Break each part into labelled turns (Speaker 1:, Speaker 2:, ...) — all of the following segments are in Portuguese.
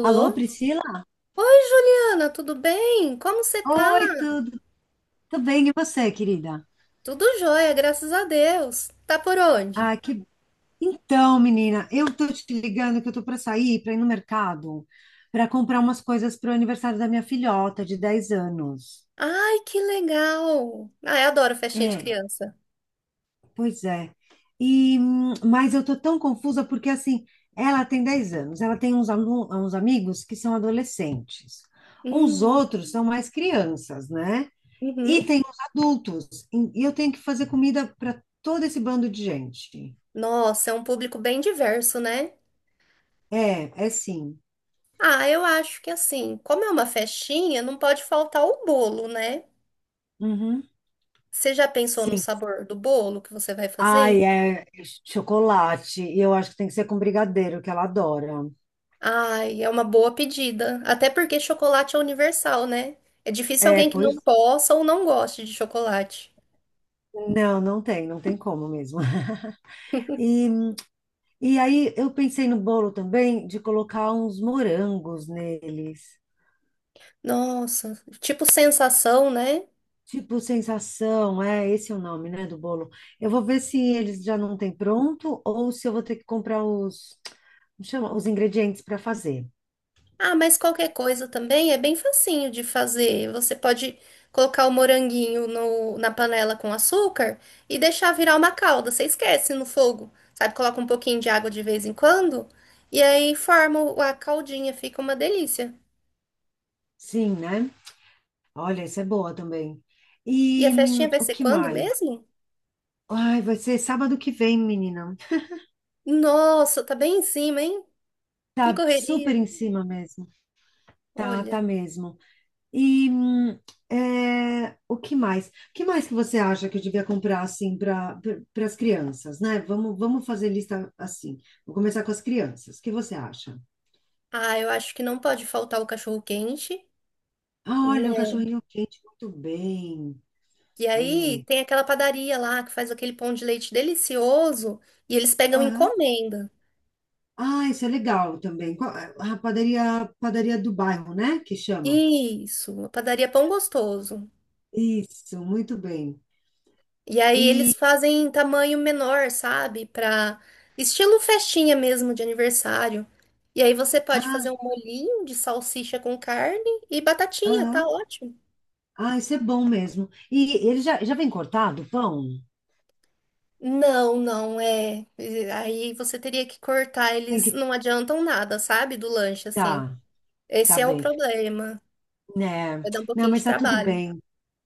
Speaker 1: Alô, Priscila?
Speaker 2: Oi, Juliana, tudo bem? Como você tá?
Speaker 1: Oi, tudo bem? E você, querida?
Speaker 2: Tudo jóia, graças a Deus. Tá por onde?
Speaker 1: Ah, que... Então, menina, eu tô te ligando que eu tô para sair, para ir no mercado, para comprar umas coisas pro aniversário da minha filhota de 10 anos.
Speaker 2: Ai, que legal! Ah, eu adoro festinha de
Speaker 1: É,
Speaker 2: criança.
Speaker 1: pois é. E, mas eu tô tão confusa porque, assim, ela tem 10 anos, ela tem uns amigos que são adolescentes, uns
Speaker 2: Hum,
Speaker 1: outros são mais crianças, né?
Speaker 2: uhum.
Speaker 1: E tem os adultos, e eu tenho que fazer comida para todo esse bando de gente.
Speaker 2: Nossa, é um público bem diverso, né?
Speaker 1: É, é sim.
Speaker 2: Ah, eu acho que assim, como é uma festinha, não pode faltar o bolo, né?
Speaker 1: Uhum.
Speaker 2: Você já pensou no
Speaker 1: Sim.
Speaker 2: sabor do bolo que você vai
Speaker 1: Ai,
Speaker 2: fazer?
Speaker 1: é chocolate. E eu acho que tem que ser com brigadeiro, que ela adora.
Speaker 2: Ai, é uma boa pedida. Até porque chocolate é universal, né? É difícil
Speaker 1: É,
Speaker 2: alguém que não
Speaker 1: pois.
Speaker 2: possa ou não goste de chocolate.
Speaker 1: Não, não tem como mesmo. E, e aí eu pensei no bolo também de colocar uns morangos neles.
Speaker 2: Nossa, tipo sensação, né?
Speaker 1: Tipo, sensação, é esse é o nome, né, do bolo. Eu vou ver se eles já não têm pronto ou se eu vou ter que comprar os, como chama, os ingredientes para fazer.
Speaker 2: Ah, mas qualquer coisa também é bem facinho de fazer. Você pode colocar o moranguinho na panela com açúcar e deixar virar uma calda. Você esquece no fogo, sabe? Coloca um pouquinho de água de vez em quando e aí forma a caldinha, fica uma delícia.
Speaker 1: Sim, né? Olha, isso é boa também.
Speaker 2: E a
Speaker 1: E
Speaker 2: festinha vai
Speaker 1: o
Speaker 2: ser
Speaker 1: que
Speaker 2: quando
Speaker 1: mais?
Speaker 2: mesmo?
Speaker 1: Ai, vai ser sábado que vem, menina.
Speaker 2: Nossa, tá bem em cima, hein? Que
Speaker 1: Tá super
Speaker 2: correria.
Speaker 1: em cima mesmo. Tá, tá
Speaker 2: Olha,
Speaker 1: mesmo. E o que mais? O que mais que você acha que eu devia comprar assim para as crianças, né? Vamos, vamos fazer lista assim. Vou começar com as crianças. O que você acha?
Speaker 2: ah, eu acho que não pode faltar o cachorro quente,
Speaker 1: Ah,
Speaker 2: né?
Speaker 1: olha, um cachorrinho quente, muito bem.
Speaker 2: E aí
Speaker 1: Aí,
Speaker 2: tem aquela padaria lá que faz aquele pão de leite delicioso e eles pegam
Speaker 1: aham.
Speaker 2: encomenda.
Speaker 1: Ah, isso é legal também. A padaria do bairro, né? Que chama.
Speaker 2: Isso, a padaria Pão Gostoso.
Speaker 1: Isso, muito bem.
Speaker 2: E aí eles
Speaker 1: E,
Speaker 2: fazem em tamanho menor, sabe? Pra estilo festinha mesmo de aniversário. E aí você pode fazer
Speaker 1: ah,
Speaker 2: um molhinho de salsicha com carne e batatinha, tá
Speaker 1: aham.
Speaker 2: ótimo.
Speaker 1: Ah, isso é bom mesmo. E ele já vem cortado o pão?
Speaker 2: Não, não é. E aí você teria que cortar,
Speaker 1: Tem
Speaker 2: eles
Speaker 1: que,
Speaker 2: não adiantam nada, sabe? Do lanche assim.
Speaker 1: tá,
Speaker 2: Esse
Speaker 1: tá
Speaker 2: é o
Speaker 1: bem.
Speaker 2: problema.
Speaker 1: Né?
Speaker 2: Vai dar um
Speaker 1: Não,
Speaker 2: pouquinho de
Speaker 1: mas tá tudo
Speaker 2: trabalho.
Speaker 1: bem,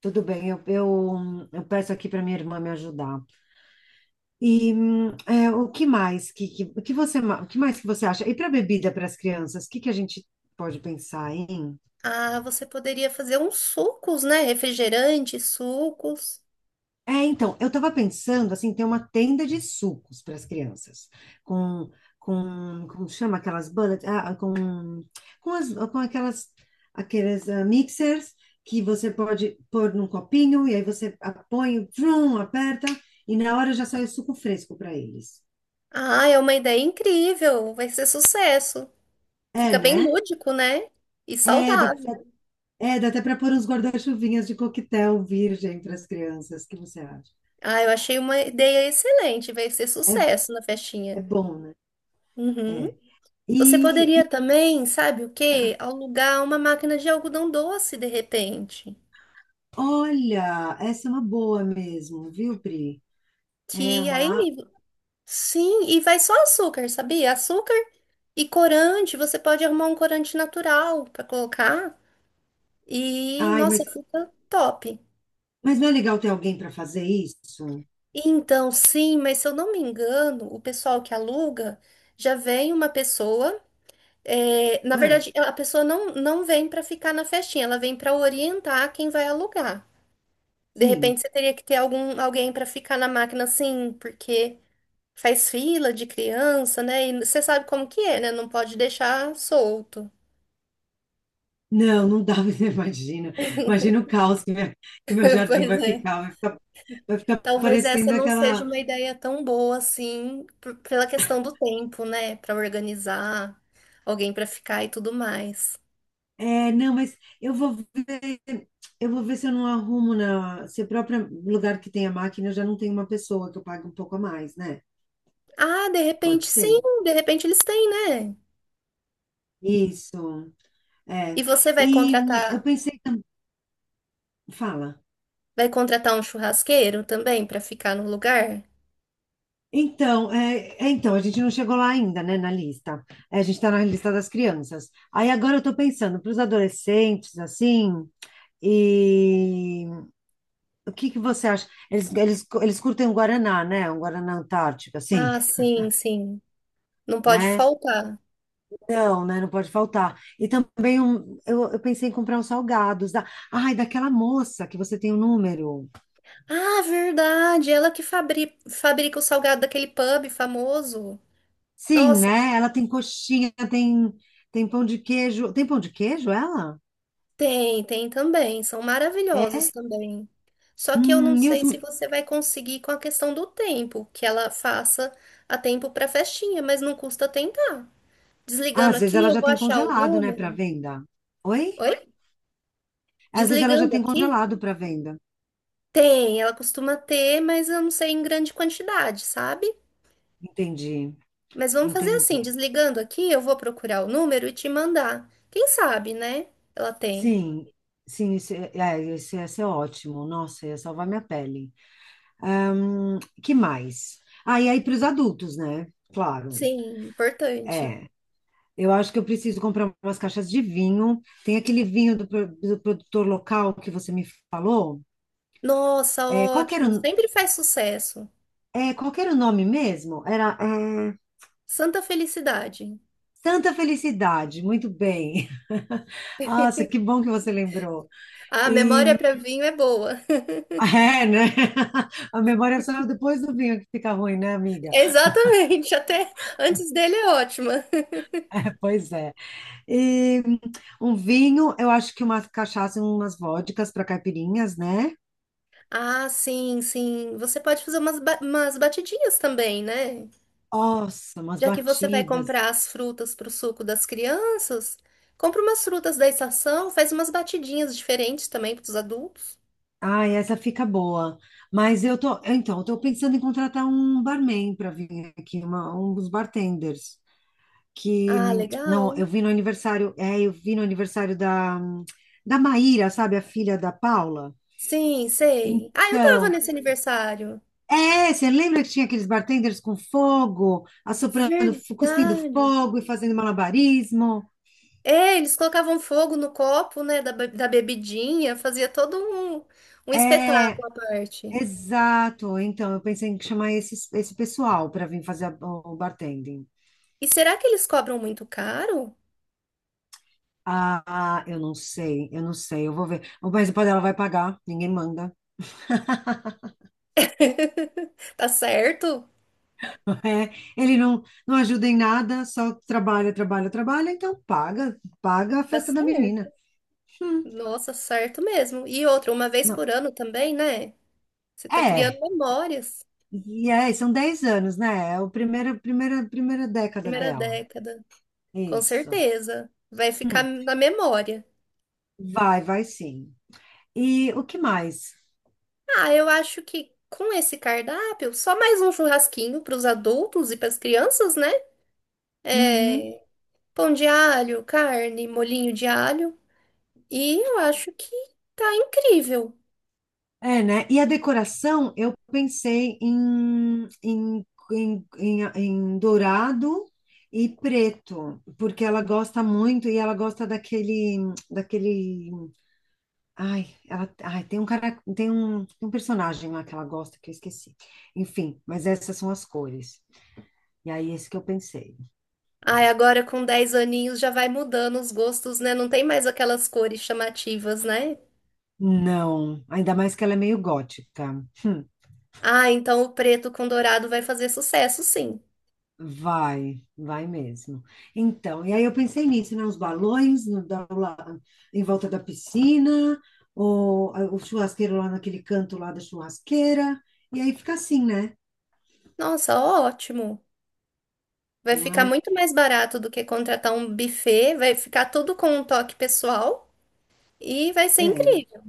Speaker 1: tudo bem. Eu peço aqui para minha irmã me ajudar. E o que mais que, o que você, ma- o que mais que você acha? E para bebida para as crianças, o que que a gente pode pensar, hein?
Speaker 2: Ah, você poderia fazer uns sucos, né? Refrigerantes, sucos.
Speaker 1: É, então, eu estava pensando assim, ter uma tenda de sucos para as crianças, com, como chama aquelas bullet, ah, com, as, com aquelas, aqueles ah, mixers que você pode pôr num copinho e aí você põe, o trum, aperta e na hora já sai o suco fresco para eles.
Speaker 2: Ah, é uma ideia incrível. Vai ser sucesso.
Speaker 1: É,
Speaker 2: Fica bem
Speaker 1: né?
Speaker 2: lúdico, né? E
Speaker 1: É, dá,
Speaker 2: saudável.
Speaker 1: é, dá até para pôr uns guarda-chuvinhas de coquetel virgem para as crianças, o que você acha?
Speaker 2: Ah, eu achei uma ideia excelente. Vai ser
Speaker 1: É,
Speaker 2: sucesso na festinha.
Speaker 1: é bom, né?
Speaker 2: Uhum.
Speaker 1: É.
Speaker 2: Você poderia
Speaker 1: E,
Speaker 2: também, sabe o quê? Alugar uma máquina de algodão doce, de repente.
Speaker 1: Olha, essa é uma boa mesmo, viu, Pri? É
Speaker 2: Que
Speaker 1: uma.
Speaker 2: aí, sim, e vai só açúcar, sabia? Açúcar e corante. Você pode arrumar um corante natural para colocar. E,
Speaker 1: Ai,
Speaker 2: nossa,
Speaker 1: mas,
Speaker 2: fica top.
Speaker 1: mas não é legal ter alguém para fazer isso?
Speaker 2: Então, sim, mas se eu não me engano, o pessoal que aluga já vem uma pessoa. É, na
Speaker 1: Ah,
Speaker 2: verdade, a pessoa não, não vem para ficar na festinha, ela vem para orientar quem vai alugar. De
Speaker 1: sim.
Speaker 2: repente, você teria que ter algum, alguém para ficar na máquina, assim, porque faz fila de criança, né? E você sabe como que é, né? Não pode deixar solto.
Speaker 1: Não, não dá, você imagina. Imagina o caos que meu jardim
Speaker 2: Pois
Speaker 1: vai
Speaker 2: é.
Speaker 1: ficar,
Speaker 2: Talvez essa
Speaker 1: parecendo
Speaker 2: não seja
Speaker 1: aquela.
Speaker 2: uma ideia tão boa assim, pela questão do tempo, né? Para organizar, alguém para ficar e tudo mais.
Speaker 1: É, não, mas eu vou ver se eu não arrumo na. Se o próprio lugar que tem a máquina eu já não tem uma pessoa que eu pague um pouco a mais, né?
Speaker 2: Ah, de repente
Speaker 1: Pode
Speaker 2: sim,
Speaker 1: ser.
Speaker 2: de repente eles têm, né?
Speaker 1: Isso.
Speaker 2: E
Speaker 1: É.
Speaker 2: você
Speaker 1: E eu pensei também. Fala.
Speaker 2: vai contratar um churrasqueiro também para ficar no lugar?
Speaker 1: Então, a gente não chegou lá ainda, né, na lista. É, a gente está na lista das crianças. Aí agora eu estou pensando para os adolescentes, assim, e o que que você acha? Eles curtem um Guaraná, né? Um Guaraná Antártico, assim,
Speaker 2: Ah, sim, sim. Não pode
Speaker 1: né?
Speaker 2: faltar.
Speaker 1: Não, né? Não pode faltar. E também eu pensei em comprar uns salgados. Daquela moça que você tem o número.
Speaker 2: Ah, verdade, ela que fabrica o salgado daquele pub famoso.
Speaker 1: Sim,
Speaker 2: Nossa,
Speaker 1: né? Ela tem coxinha, tem pão de queijo. Tem pão de queijo, ela?
Speaker 2: tem, tem também. São maravilhosos também. Só que eu não
Speaker 1: Hum.
Speaker 2: sei se você vai conseguir com a questão do tempo, que ela faça a tempo para festinha, mas não custa tentar.
Speaker 1: Ah,
Speaker 2: Desligando
Speaker 1: às vezes
Speaker 2: aqui,
Speaker 1: ela
Speaker 2: eu
Speaker 1: já
Speaker 2: vou
Speaker 1: tem
Speaker 2: achar o
Speaker 1: congelado, né, para
Speaker 2: número.
Speaker 1: venda. Oi?
Speaker 2: Oi?
Speaker 1: Às vezes ela já
Speaker 2: Desligando
Speaker 1: tem
Speaker 2: aqui?
Speaker 1: congelado para venda.
Speaker 2: Tem, ela costuma ter, mas eu não sei em grande quantidade, sabe?
Speaker 1: Entendi,
Speaker 2: Mas vamos fazer assim,
Speaker 1: entendi.
Speaker 2: desligando aqui, eu vou procurar o número e te mandar. Quem sabe, né? Ela tem.
Speaker 1: Sim, sim, isso é, esse é ótimo. Nossa, ia salvar minha pele. Que mais? Ah, e aí para os adultos, né? Claro.
Speaker 2: Sim, importante.
Speaker 1: É. Eu acho que eu preciso comprar umas caixas de vinho. Tem aquele vinho do produtor local que você me falou.
Speaker 2: Nossa,
Speaker 1: É, qual que era,
Speaker 2: ótimo. Sempre faz sucesso.
Speaker 1: qual que era o nome mesmo?
Speaker 2: Santa Felicidade.
Speaker 1: Santa Felicidade, muito bem. Nossa, que bom que você lembrou.
Speaker 2: A
Speaker 1: E
Speaker 2: memória para vinho é boa.
Speaker 1: é, né? A memória só é depois do vinho que fica ruim, né, amiga?
Speaker 2: Exatamente, até antes dele é ótima.
Speaker 1: É, pois é. E um vinho, eu acho que uma cachaça e umas vodkas para caipirinhas, né?
Speaker 2: Ah, sim, sim. Você pode fazer umas, umas batidinhas também, né?
Speaker 1: Nossa, umas
Speaker 2: Já que você vai
Speaker 1: batidas.
Speaker 2: comprar as frutas para o suco das crianças, compra umas frutas da estação, faz umas batidinhas diferentes também para os adultos.
Speaker 1: Ai, essa fica boa. Mas eu tô, então, eu tô pensando em contratar um barman para vir aqui, um dos bartenders. Que
Speaker 2: Ah,
Speaker 1: não,
Speaker 2: legal.
Speaker 1: eu vi no aniversário, da Maíra, sabe, a filha da Paula.
Speaker 2: Sim, sei. Ah, eu tava
Speaker 1: Então,
Speaker 2: nesse aniversário.
Speaker 1: você lembra que tinha aqueles bartenders com fogo, assoprando, cuspindo
Speaker 2: Verdade.
Speaker 1: fogo e fazendo malabarismo?
Speaker 2: É, eles colocavam fogo no copo, né, da, da bebidinha, fazia todo um, um
Speaker 1: É,
Speaker 2: espetáculo à parte.
Speaker 1: exato. Então, eu pensei em chamar esse pessoal para vir fazer o bartending.
Speaker 2: E será que eles cobram muito caro?
Speaker 1: Ah, eu não sei, eu vou ver. Mas o ela vai pagar, ninguém manda.
Speaker 2: Tá certo?
Speaker 1: É, ele não ajuda em nada, só trabalha, trabalha, trabalha, então paga, paga a
Speaker 2: Tá
Speaker 1: festa da
Speaker 2: certo.
Speaker 1: menina. Hum,
Speaker 2: Nossa, certo mesmo. E outra, uma vez
Speaker 1: não.
Speaker 2: por ano também, né? Você tá criando
Speaker 1: É,
Speaker 2: memórias.
Speaker 1: e aí, são 10 anos, né? É a primeira, primeira, primeira década
Speaker 2: Primeira
Speaker 1: dela.
Speaker 2: década. Com
Speaker 1: Isso.
Speaker 2: certeza. Vai ficar
Speaker 1: Hum,
Speaker 2: na memória.
Speaker 1: Vai, vai sim. E o que mais?
Speaker 2: Ah, eu acho que com esse cardápio, só mais um churrasquinho para os adultos e para as crianças, né?
Speaker 1: Uhum.
Speaker 2: É, pão de alho, carne, molhinho de alho. E eu acho que tá incrível.
Speaker 1: É, né? E a decoração, eu pensei em dourado e preto, porque ela gosta muito e ela gosta daquele, daquele Ai, ela, ai, tem um cara, tem um personagem lá que ela gosta que eu esqueci. Enfim, mas essas são as cores. E aí, esse que eu pensei.
Speaker 2: Ai, agora com 10 aninhos já vai mudando os gostos, né? Não tem mais aquelas cores chamativas, né?
Speaker 1: Não, ainda mais que ela é meio gótica. Hum,
Speaker 2: Ah, então o preto com dourado vai fazer sucesso, sim.
Speaker 1: Vai, vai mesmo. Então, e aí eu pensei nisso, né? Os balões lá em volta da piscina, ou o churrasqueiro lá naquele canto lá da churrasqueira. E aí fica assim, né?
Speaker 2: Nossa, ótimo. Vai
Speaker 1: Não
Speaker 2: ficar
Speaker 1: é?
Speaker 2: muito mais barato do que contratar um buffet, vai ficar tudo com um toque pessoal e vai ser
Speaker 1: É.
Speaker 2: incrível.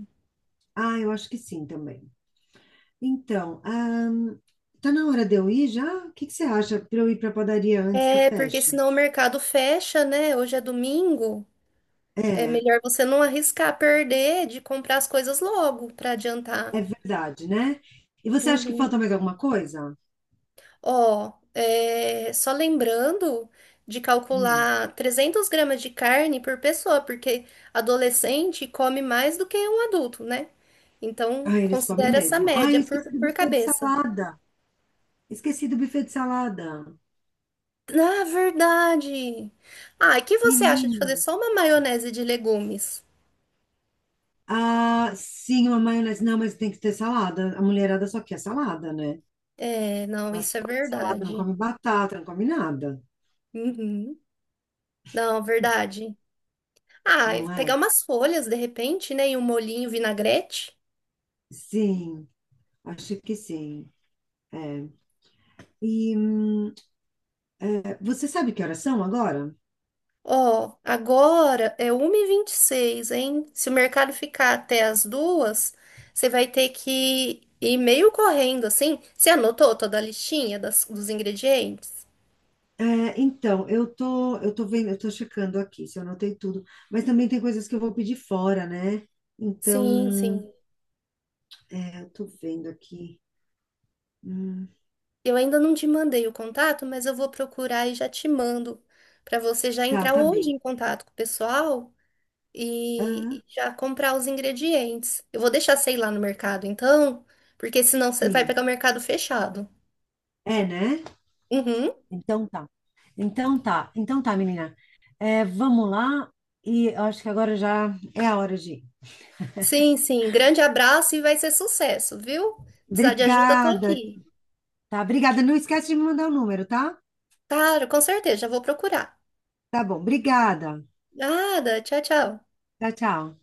Speaker 1: Ah, eu acho que sim também. Então, tá na hora de eu ir já? O que que você acha para eu ir para a padaria antes que
Speaker 2: É, porque
Speaker 1: feche?
Speaker 2: senão o mercado fecha, né? Hoje é domingo. É
Speaker 1: É,
Speaker 2: melhor você não arriscar perder de comprar as coisas logo para adiantar.
Speaker 1: é verdade, né? E você acha que falta
Speaker 2: Uhum.
Speaker 1: mais alguma coisa?
Speaker 2: Ó, é, só lembrando de
Speaker 1: Hum.
Speaker 2: calcular 300 gramas de carne por pessoa, porque adolescente come mais do que um adulto, né? Então,
Speaker 1: Ah, eles comem
Speaker 2: considera essa
Speaker 1: mesmo. Ah,
Speaker 2: média
Speaker 1: eu
Speaker 2: por,
Speaker 1: esqueci do
Speaker 2: por
Speaker 1: buffet de
Speaker 2: cabeça.
Speaker 1: salada. Esqueci do buffet de salada.
Speaker 2: Na verdade. Ah, e que você acha de fazer
Speaker 1: Menino.
Speaker 2: só uma maionese de legumes?
Speaker 1: Ah, sim, uma maionese. Não, mas tem que ter salada. A mulherada só quer salada, né?
Speaker 2: É, não,
Speaker 1: Elas
Speaker 2: isso é
Speaker 1: comem salada, não
Speaker 2: verdade.
Speaker 1: come batata, não come nada,
Speaker 2: Uhum. Não, verdade. Ah, e
Speaker 1: não é?
Speaker 2: pegar umas folhas de repente, né? E um molhinho vinagrete.
Speaker 1: Sim, acho que sim. É. E, hum, Você sabe que horas são agora?
Speaker 2: Ó, agora é 1:26, hein? Se o mercado ficar até as 2, você vai ter que ir meio correndo assim. Você anotou toda a listinha dos ingredientes?
Speaker 1: É, então, eu tô checando aqui se eu anotei tudo, mas também tem coisas que eu vou pedir fora, né?
Speaker 2: Sim,
Speaker 1: Então,
Speaker 2: sim.
Speaker 1: eu tô vendo aqui. Hum,
Speaker 2: Eu ainda não te mandei o contato, mas eu vou procurar e já te mando para você já
Speaker 1: tá,
Speaker 2: entrar
Speaker 1: tá
Speaker 2: hoje
Speaker 1: bem.
Speaker 2: em contato com o pessoal. E,
Speaker 1: Ah,
Speaker 2: já comprar os ingredientes. Eu vou deixar, sei lá, no mercado, então, porque senão você vai
Speaker 1: sim.
Speaker 2: pegar o mercado fechado.
Speaker 1: É, né?
Speaker 2: Uhum.
Speaker 1: Então tá. Então tá. Então tá, menina. É, vamos lá. E eu acho que agora já é a hora de ir.
Speaker 2: Sim, sim. Grande abraço e vai ser sucesso, viu? Precisar de ajuda, tô
Speaker 1: Obrigada,
Speaker 2: aqui.
Speaker 1: tá? Obrigada. Não esquece de me mandar o número, tá?
Speaker 2: Claro, com certeza, já vou procurar.
Speaker 1: Tá bom. Obrigada.
Speaker 2: Nada, tchau, tchau.
Speaker 1: Tchau, tchau.